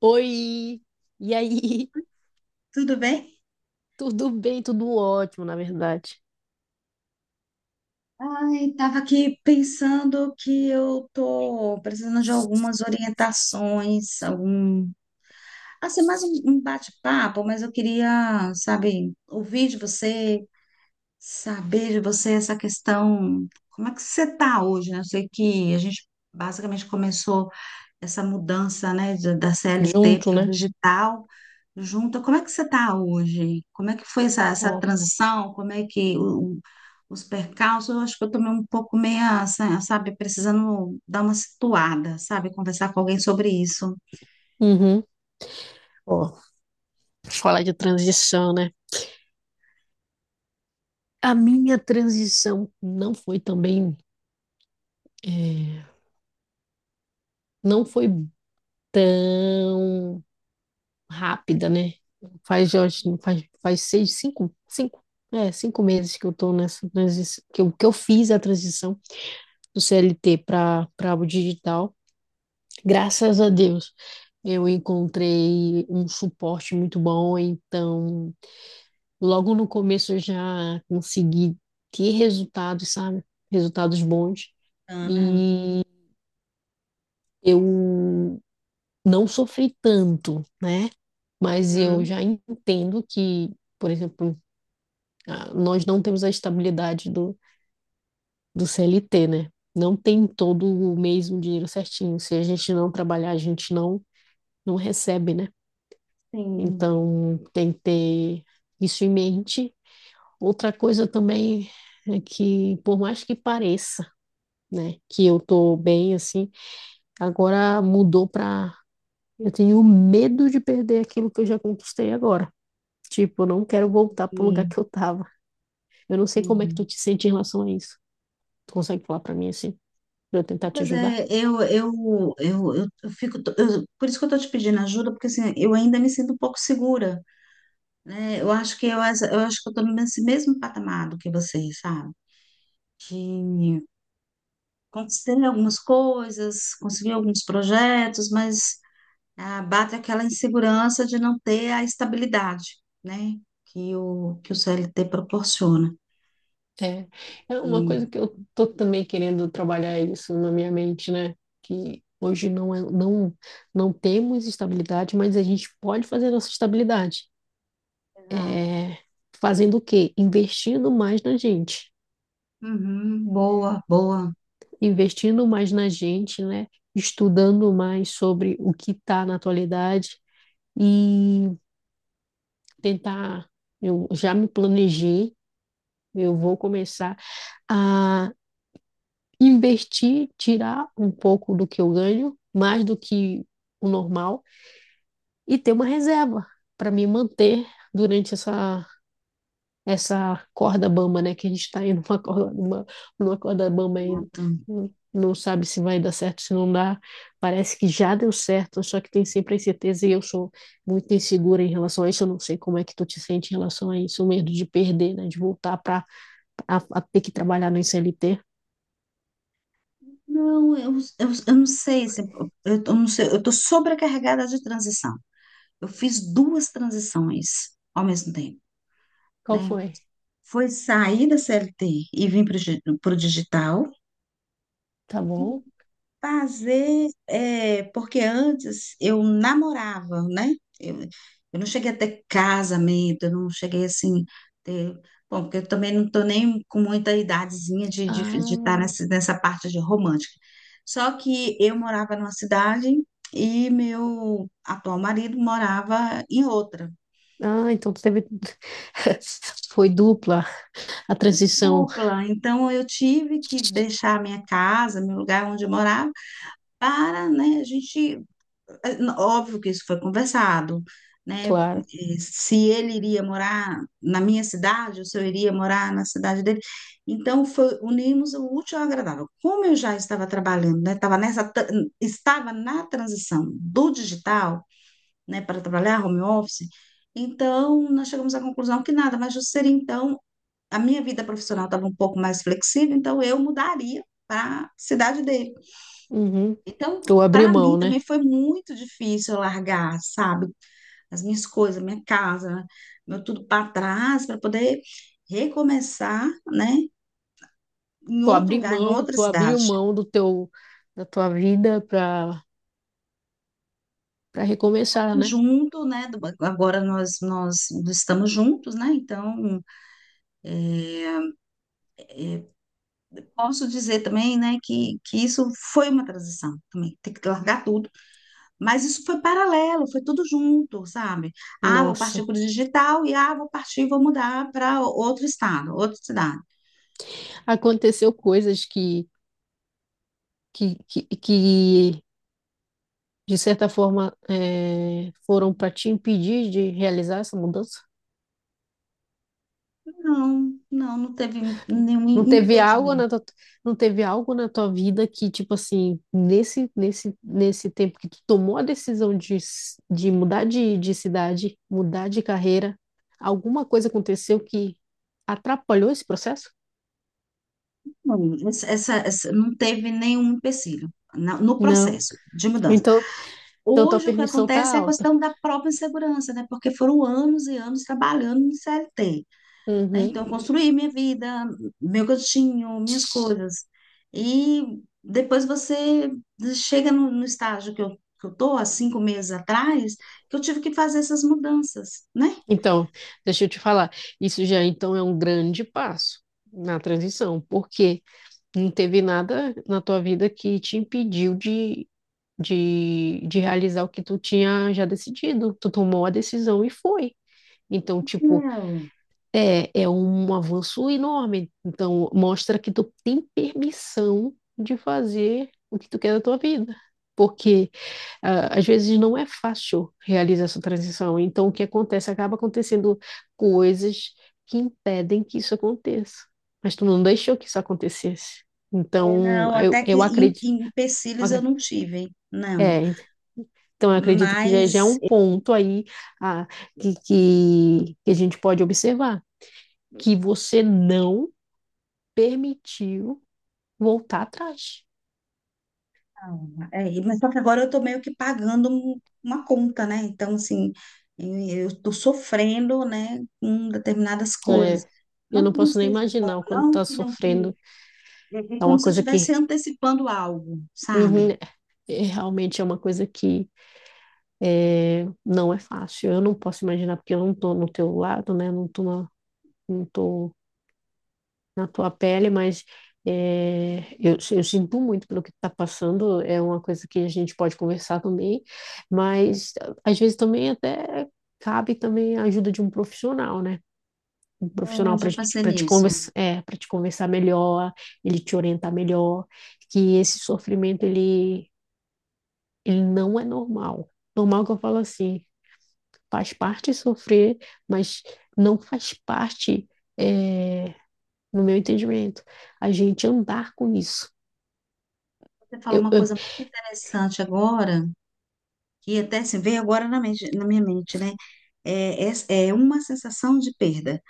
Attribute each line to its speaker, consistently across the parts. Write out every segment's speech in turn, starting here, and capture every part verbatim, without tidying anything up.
Speaker 1: Oi! E aí?
Speaker 2: Tudo bem?
Speaker 1: Tudo bem, tudo ótimo, na verdade.
Speaker 2: Ai, estava aqui pensando que eu tô precisando de algumas orientações, algum, assim, mais um, um bate-papo, mas eu queria, sabe, ouvir de você, saber de você essa questão, como é que você está hoje, né? Eu sei que a gente basicamente começou essa mudança, né, de- da C L T
Speaker 1: Junto,
Speaker 2: para o
Speaker 1: né?
Speaker 2: digital, junto. Como é que você está hoje? Como é que foi essa, essa
Speaker 1: Ó.
Speaker 2: transição? Como é que o os percalços, eu acho que eu tomei um pouco meia, sa- sabe, precisando dar uma situada, sabe, conversar com alguém sobre isso.
Speaker 1: Uhum. Ó, falar de transição, né? A minha transição não foi também, é, não foi tão rápida, né? Faz, eu acho, faz, faz seis, cinco, cinco, é, cinco meses que eu tô nessa transição, que eu, que eu fiz a transição do C L T para para o digital. Graças a Deus, eu encontrei um suporte muito bom, então logo no começo eu já consegui ter resultados, sabe? Resultados bons.
Speaker 2: Ah, né.
Speaker 1: E eu não sofri tanto, né? Mas eu
Speaker 2: Uhum.
Speaker 1: já entendo que, por exemplo, ah, nós não temos a estabilidade do, do C L T, né? Não tem todo o mesmo dinheiro certinho. Se a gente não trabalhar, a gente não, não recebe, né?
Speaker 2: Sim,
Speaker 1: Então, tem que ter isso em mente. Outra coisa também é que, por mais que pareça, né, que eu tô bem assim, agora mudou para eu tenho medo de perder aquilo que eu já conquistei agora. Tipo, eu não quero voltar pro lugar
Speaker 2: e-
Speaker 1: que eu tava. Eu não sei como é que tu
Speaker 2: entendi.
Speaker 1: te sente em relação a isso. Tu consegue falar para mim assim, para eu tentar te
Speaker 2: Pois
Speaker 1: ajudar?
Speaker 2: é, eu, eu, eu, eu, eu fico, eu- por isso que eu estou te pedindo ajuda, porque assim, eu ainda me sinto um pouco segura, né? Eu acho que eu, eu acho que eu estou nesse mesmo patamar do que vocês, sabe? De conseguir algumas coisas, conseguir alguns projetos, mas ah, bate aquela insegurança de não ter a estabilidade, né? Que o, que o C L T proporciona.
Speaker 1: É, é uma coisa
Speaker 2: E-
Speaker 1: que eu tô também querendo trabalhar isso na minha mente, né? Que hoje não, é- não, não temos estabilidade, mas a gente pode fazer nossa estabilidade.
Speaker 2: Exato.
Speaker 1: É, fazendo o quê? Investindo mais na gente.
Speaker 2: Uhum, boa, boa,
Speaker 1: Investindo mais na gente, né? Estudando mais sobre o que está na atualidade e tentar. Eu já me planejei, eu vou começar a investir, tirar um pouco do que eu ganho, mais do que o normal, e ter uma reserva para me manter durante essa, essa corda bamba, né? Que a gente está indo numa corda, numa, numa corda bamba ainda.
Speaker 2: Nathan.
Speaker 1: Não sabe se vai dar certo, se não dá. Parece que já deu certo, só que tem sempre a incerteza e eu sou muito insegura em relação a isso. Eu não sei como é que tu te sente em relação a isso, o medo de perder, né? De voltar para ter que trabalhar no C L T.
Speaker 2: Não, eu, eu, eu não sei, se- eu, tô- não sei, eu estou sobrecarregada de transição. Eu fiz duas transições ao mesmo tempo,
Speaker 1: Qual
Speaker 2: né?
Speaker 1: foi?
Speaker 2: Foi sair da C L T e vir para o digital.
Speaker 1: Tá bom?
Speaker 2: Fazer, é, porque antes eu namorava, né? Eu, eu não cheguei a ter casamento, eu não cheguei assim, ter, bom, porque eu também não estou nem com muita idadezinha de estar de, estar
Speaker 1: Ah,
Speaker 2: nessa, nessa parte de romântica. Só que eu morava numa cidade e meu atual marido morava em outra,
Speaker 1: Ah, então teve. Foi dupla a transição,
Speaker 2: dupla. Então eu tive que deixar a minha casa, meu lugar onde eu morava, para, né, a gente. É, n- óbvio que isso foi conversado, né?
Speaker 1: claro.
Speaker 2: Eh, se ele iria morar na minha cidade, ou se eu iria morar na cidade dele. Então, foi, unimos o útil ao agradável. Como eu já estava trabalhando, né? Estava nessa, tra- estava na transição do digital, né? Para trabalhar home office. Então, nós chegamos à conclusão que nada mais justo seria, então, a minha vida profissional estava um pouco mais flexível, então eu mudaria para a cidade dele.
Speaker 1: Uhum. Tu
Speaker 2: Então,
Speaker 1: abriu
Speaker 2: para
Speaker 1: mão,
Speaker 2: mim
Speaker 1: né?
Speaker 2: também foi muito difícil eu largar, sabe, as minhas coisas, minha casa, meu tudo para trás, para poder recomeçar, né, em
Speaker 1: Tu
Speaker 2: outro
Speaker 1: abriu
Speaker 2: lugar, em
Speaker 1: mão,
Speaker 2: outra
Speaker 1: tu abriu
Speaker 2: cidade.
Speaker 1: mão do teu, da tua vida para para recomeçar, né?
Speaker 2: Junto, né, do- agora nós, nós estamos juntos, né, então posso dizer também, né, que, que isso foi uma transição também, ter que largar tudo, mas isso foi paralelo, foi tudo junto, sabe? Ah, vou partir
Speaker 1: Nossa,
Speaker 2: para o digital e ah, vou partir, e vou mudar para outro estado, outra cidade.
Speaker 1: aconteceu coisas que que, que, que de certa forma eh, foram para te impedir de realizar essa mudança?
Speaker 2: Não, não, não teve nenhum
Speaker 1: Não teve algo na
Speaker 2: impedimento.
Speaker 1: tua, não teve algo na tua vida que, tipo assim, nesse, nesse, nesse tempo que tu tomou a decisão de, s- de mudar de, de cidade, mudar de carreira, alguma coisa aconteceu que atrapalhou esse processo?
Speaker 2: Não, essa, essa- essa- não teve nenhum empecilho na- no
Speaker 1: Não.
Speaker 2: processo de mudança.
Speaker 1: Então, então tua
Speaker 2: Hoje, o que
Speaker 1: permissão tá
Speaker 2: acontece é a
Speaker 1: alta.
Speaker 2: questão da própria insegurança, né? Porque foram anos e anos trabalhando no C L T, né?
Speaker 1: Uhum.
Speaker 2: Então, eu construí minha vida, meu cantinho, minhas coisas. E depois você chega no, no estágio que eu, que eu tô, há cinco meses atrás, que eu tive que fazer essas mudanças, né?
Speaker 1: Então, deixa eu te falar, isso já então é um grande passo na transição, porque não teve nada na tua vida que te impediu de de, de realizar o que tu tinha já decidido. Tu tomou a decisão e foi. Então, tipo, é, é um avanço enorme. Então, mostra que tu tem permissão de fazer o que tu quer da tua vida. Porque ah, às vezes não é fácil realizar essa transição. Então, o que acontece? Acaba acontecendo coisas que impedem que isso aconteça. Mas tu não deixou que isso acontecesse.
Speaker 2: É,
Speaker 1: Então,
Speaker 2: não,
Speaker 1: eu,
Speaker 2: até que
Speaker 1: eu
Speaker 2: em,
Speaker 1: acredito.
Speaker 2: em empecilhos eu
Speaker 1: Acredito.
Speaker 2: não tive, não.
Speaker 1: É, então, eu acredito que já, já é
Speaker 2: Mas,
Speaker 1: um ponto aí ah, que, que, que a gente pode observar, que você não permitiu voltar atrás.
Speaker 2: não, é, mas só que agora eu tô meio que pagando um- uma conta, né? Então, assim, eu, eu tô sofrendo, né, com determinadas
Speaker 1: É,
Speaker 2: coisas.
Speaker 1: eu
Speaker 2: Não
Speaker 1: não
Speaker 2: que não
Speaker 1: posso nem
Speaker 2: esteja bom,
Speaker 1: imaginar o quanto
Speaker 2: não
Speaker 1: está
Speaker 2: que não que...
Speaker 1: sofrendo.
Speaker 2: É é
Speaker 1: É
Speaker 2: como
Speaker 1: uma
Speaker 2: se eu
Speaker 1: coisa
Speaker 2: estivesse
Speaker 1: que
Speaker 2: antecipando algo,
Speaker 1: uhum,
Speaker 2: sabe?
Speaker 1: é, realmente é uma coisa que é, não é fácil. Eu não posso imaginar, porque eu não estou no teu lado, né? Não estou não tô na tua pele, mas é, eu, eu sinto muito pelo que está passando, é uma coisa que a gente pode conversar também, mas às vezes também até cabe também a ajuda de um profissional, né? Um
Speaker 2: É,
Speaker 1: profissional
Speaker 2: eu
Speaker 1: para
Speaker 2: já pensei
Speaker 1: para te
Speaker 2: nisso.
Speaker 1: conversar, é, para te conversar melhor, ele te orientar melhor, que esse sofrimento ele, ele não é normal. Normal que eu falo assim, faz parte sofrer, mas não faz parte é, no meu entendimento, a gente andar com isso.
Speaker 2: Você falou
Speaker 1: Eu,
Speaker 2: uma
Speaker 1: eu-
Speaker 2: coisa muito interessante agora, que até se veio agora na, mente- na minha mente, né? É, é é uma sensação de perda.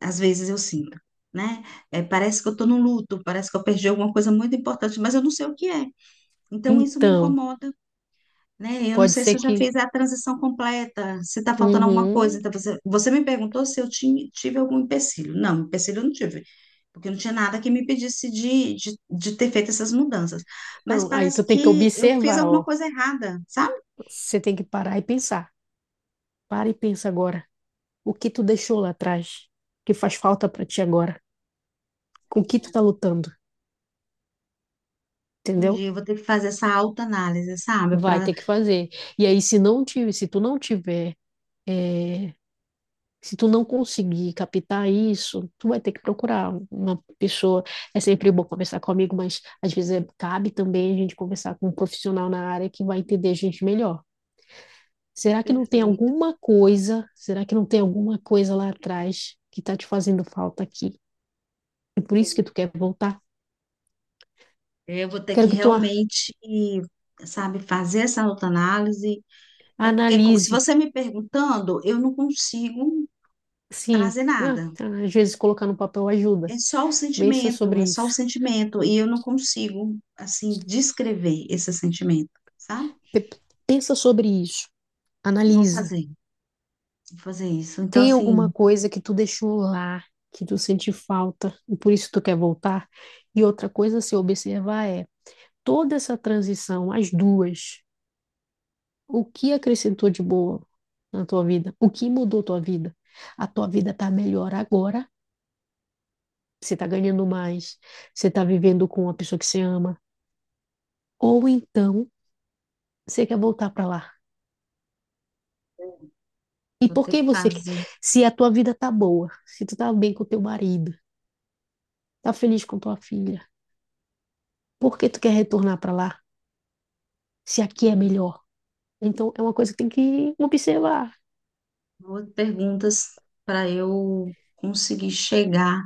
Speaker 2: Às vezes eu sinto, né? É, parece que eu estou no luto, parece que eu perdi alguma coisa muito importante, mas eu não sei o que é. Então isso me
Speaker 1: então,
Speaker 2: incomoda, né? Eu não
Speaker 1: pode
Speaker 2: sei
Speaker 1: ser
Speaker 2: se eu já
Speaker 1: que.
Speaker 2: fiz a transição completa, se está faltando alguma coisa.
Speaker 1: Uhum,
Speaker 2: Então você, você me perguntou se eu tinha, tive algum empecilho. Não, empecilho eu não tive, porque não tinha nada que me impedisse de, de, de ter feito essas mudanças. Mas
Speaker 1: então, aí
Speaker 2: parece
Speaker 1: tu tem que
Speaker 2: que eu fiz
Speaker 1: observar,
Speaker 2: alguma
Speaker 1: ó.
Speaker 2: coisa errada, sabe?
Speaker 1: Você tem que parar e pensar. Para e pensa agora. O que tu deixou lá atrás? O que faz falta para ti agora? Com o que tu tá lutando?
Speaker 2: Um
Speaker 1: Entendeu?
Speaker 2: dia eu vou ter que fazer essa autoanálise, sabe?
Speaker 1: Vai
Speaker 2: Para
Speaker 1: ter que fazer. E aí, se não ti- se tu não tiver, eh, se tu não conseguir captar isso, tu vai ter que procurar uma pessoa. É sempre bom conversar comigo, mas às vezes é- cabe também a gente conversar com um profissional na área que vai entender a gente melhor. Será que não tem
Speaker 2: perfeito.
Speaker 1: alguma coisa? Será que não tem alguma coisa lá atrás que está te fazendo falta aqui? E por isso que tu quer voltar?
Speaker 2: É, eu vou ter
Speaker 1: Quero
Speaker 2: que
Speaker 1: que tu
Speaker 2: realmente, sabe, fazer essa autoanálise. É porque co- se
Speaker 1: analise.
Speaker 2: você me perguntando, eu não consigo
Speaker 1: Sim,
Speaker 2: trazer
Speaker 1: ah,
Speaker 2: nada.
Speaker 1: às vezes colocar no papel ajuda.
Speaker 2: É só o
Speaker 1: Pensa
Speaker 2: sentimento,
Speaker 1: sobre
Speaker 2: é só o
Speaker 1: isso.
Speaker 2: sentimento. E eu não consigo, assim, descrever esse sentimento, sabe?
Speaker 1: Pensa sobre isso.
Speaker 2: Vou
Speaker 1: Analisa.
Speaker 2: fazer, vou fazer isso. Então,
Speaker 1: Tem alguma
Speaker 2: assim,
Speaker 1: coisa que tu deixou lá, que tu sente falta e por isso tu quer voltar? E outra coisa a se observar é toda essa transição, as duas, o que acrescentou de boa na tua vida? O que mudou tua vida? A tua vida tá melhor agora? Você tá ganhando mais? Você tá vivendo com uma pessoa que você ama? Ou então você quer voltar para lá? E
Speaker 2: vou
Speaker 1: por
Speaker 2: ter
Speaker 1: que
Speaker 2: que
Speaker 1: você quer?
Speaker 2: fazer
Speaker 1: Se a tua vida tá boa, se tu tá bem com teu marido, tá feliz com tua filha, por que tu quer retornar para lá? Se aqui é melhor. Então, é uma coisa que tem que observar.
Speaker 2: duas perguntas para eu conseguir chegar,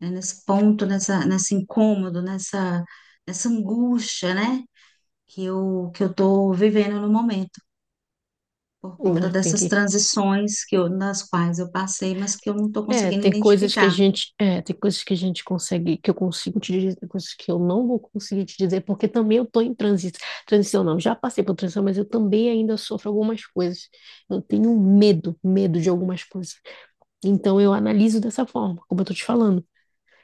Speaker 2: né, nesse ponto, nessa, nesse incômodo, nessa, nessa angústia, né? Que eu que eu estou vivendo no momento, por conta
Speaker 1: Né? Tem
Speaker 2: dessas
Speaker 1: que,
Speaker 2: transições que eu, nas quais eu passei, mas que eu não estou
Speaker 1: é,
Speaker 2: conseguindo
Speaker 1: tem coisas que a
Speaker 2: identificar.
Speaker 1: gente, é, tem coisas que a gente consegue, que eu consigo te dizer, tem coisas que eu não vou conseguir te dizer, porque também eu tô em transição, transição não, já passei por transição, mas eu também ainda sofro algumas coisas. Eu tenho medo, medo de algumas coisas. Então eu analiso dessa forma, como eu tô te falando.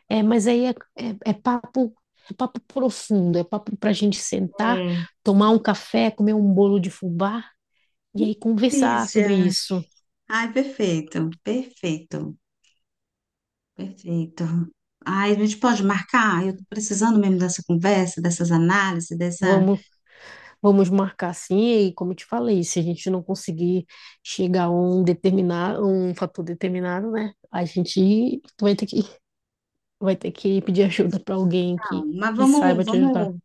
Speaker 1: É, mas aí é, é, é papo, é papo profundo, é papo para a gente sentar,
Speaker 2: É,
Speaker 1: tomar um café, comer um bolo de fubá. E aí conversar sobre
Speaker 2: delícia.
Speaker 1: isso.
Speaker 2: Ai, perfeito, perfeito, perfeito. Ai, a gente pode marcar? Eu tô precisando mesmo dessa conversa, dessas análises, dessa.
Speaker 1: Vamos, vamos marcar assim, e aí, como eu te falei, se a gente não conseguir chegar a um determinado, um fator determinado, né? A gente vai ter que, vai ter que pedir ajuda para alguém que,
Speaker 2: Não, mas
Speaker 1: que saiba
Speaker 2: vamos,
Speaker 1: te ajudar.
Speaker 2: vamos.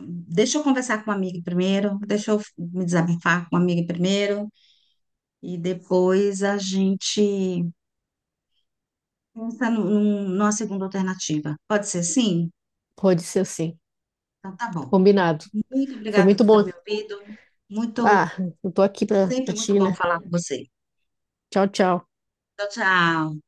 Speaker 2: Deixa eu conversar com uma amiga primeiro, deixa eu me desabafar com uma amiga primeiro, e depois a gente pensa num- num- numa segunda alternativa. Pode ser sim?
Speaker 1: Pode ser assim.
Speaker 2: Então tá bom.
Speaker 1: Combinado.
Speaker 2: Muito
Speaker 1: Foi
Speaker 2: obrigada
Speaker 1: muito
Speaker 2: por
Speaker 1: bom.
Speaker 2: ter me ouvido. Muito,
Speaker 1: Ah, eu tô aqui para
Speaker 2: sempre muito
Speaker 1: ti,
Speaker 2: bom
Speaker 1: né?
Speaker 2: falar com você.
Speaker 1: Tchau, tchau.
Speaker 2: Tchau, tchau.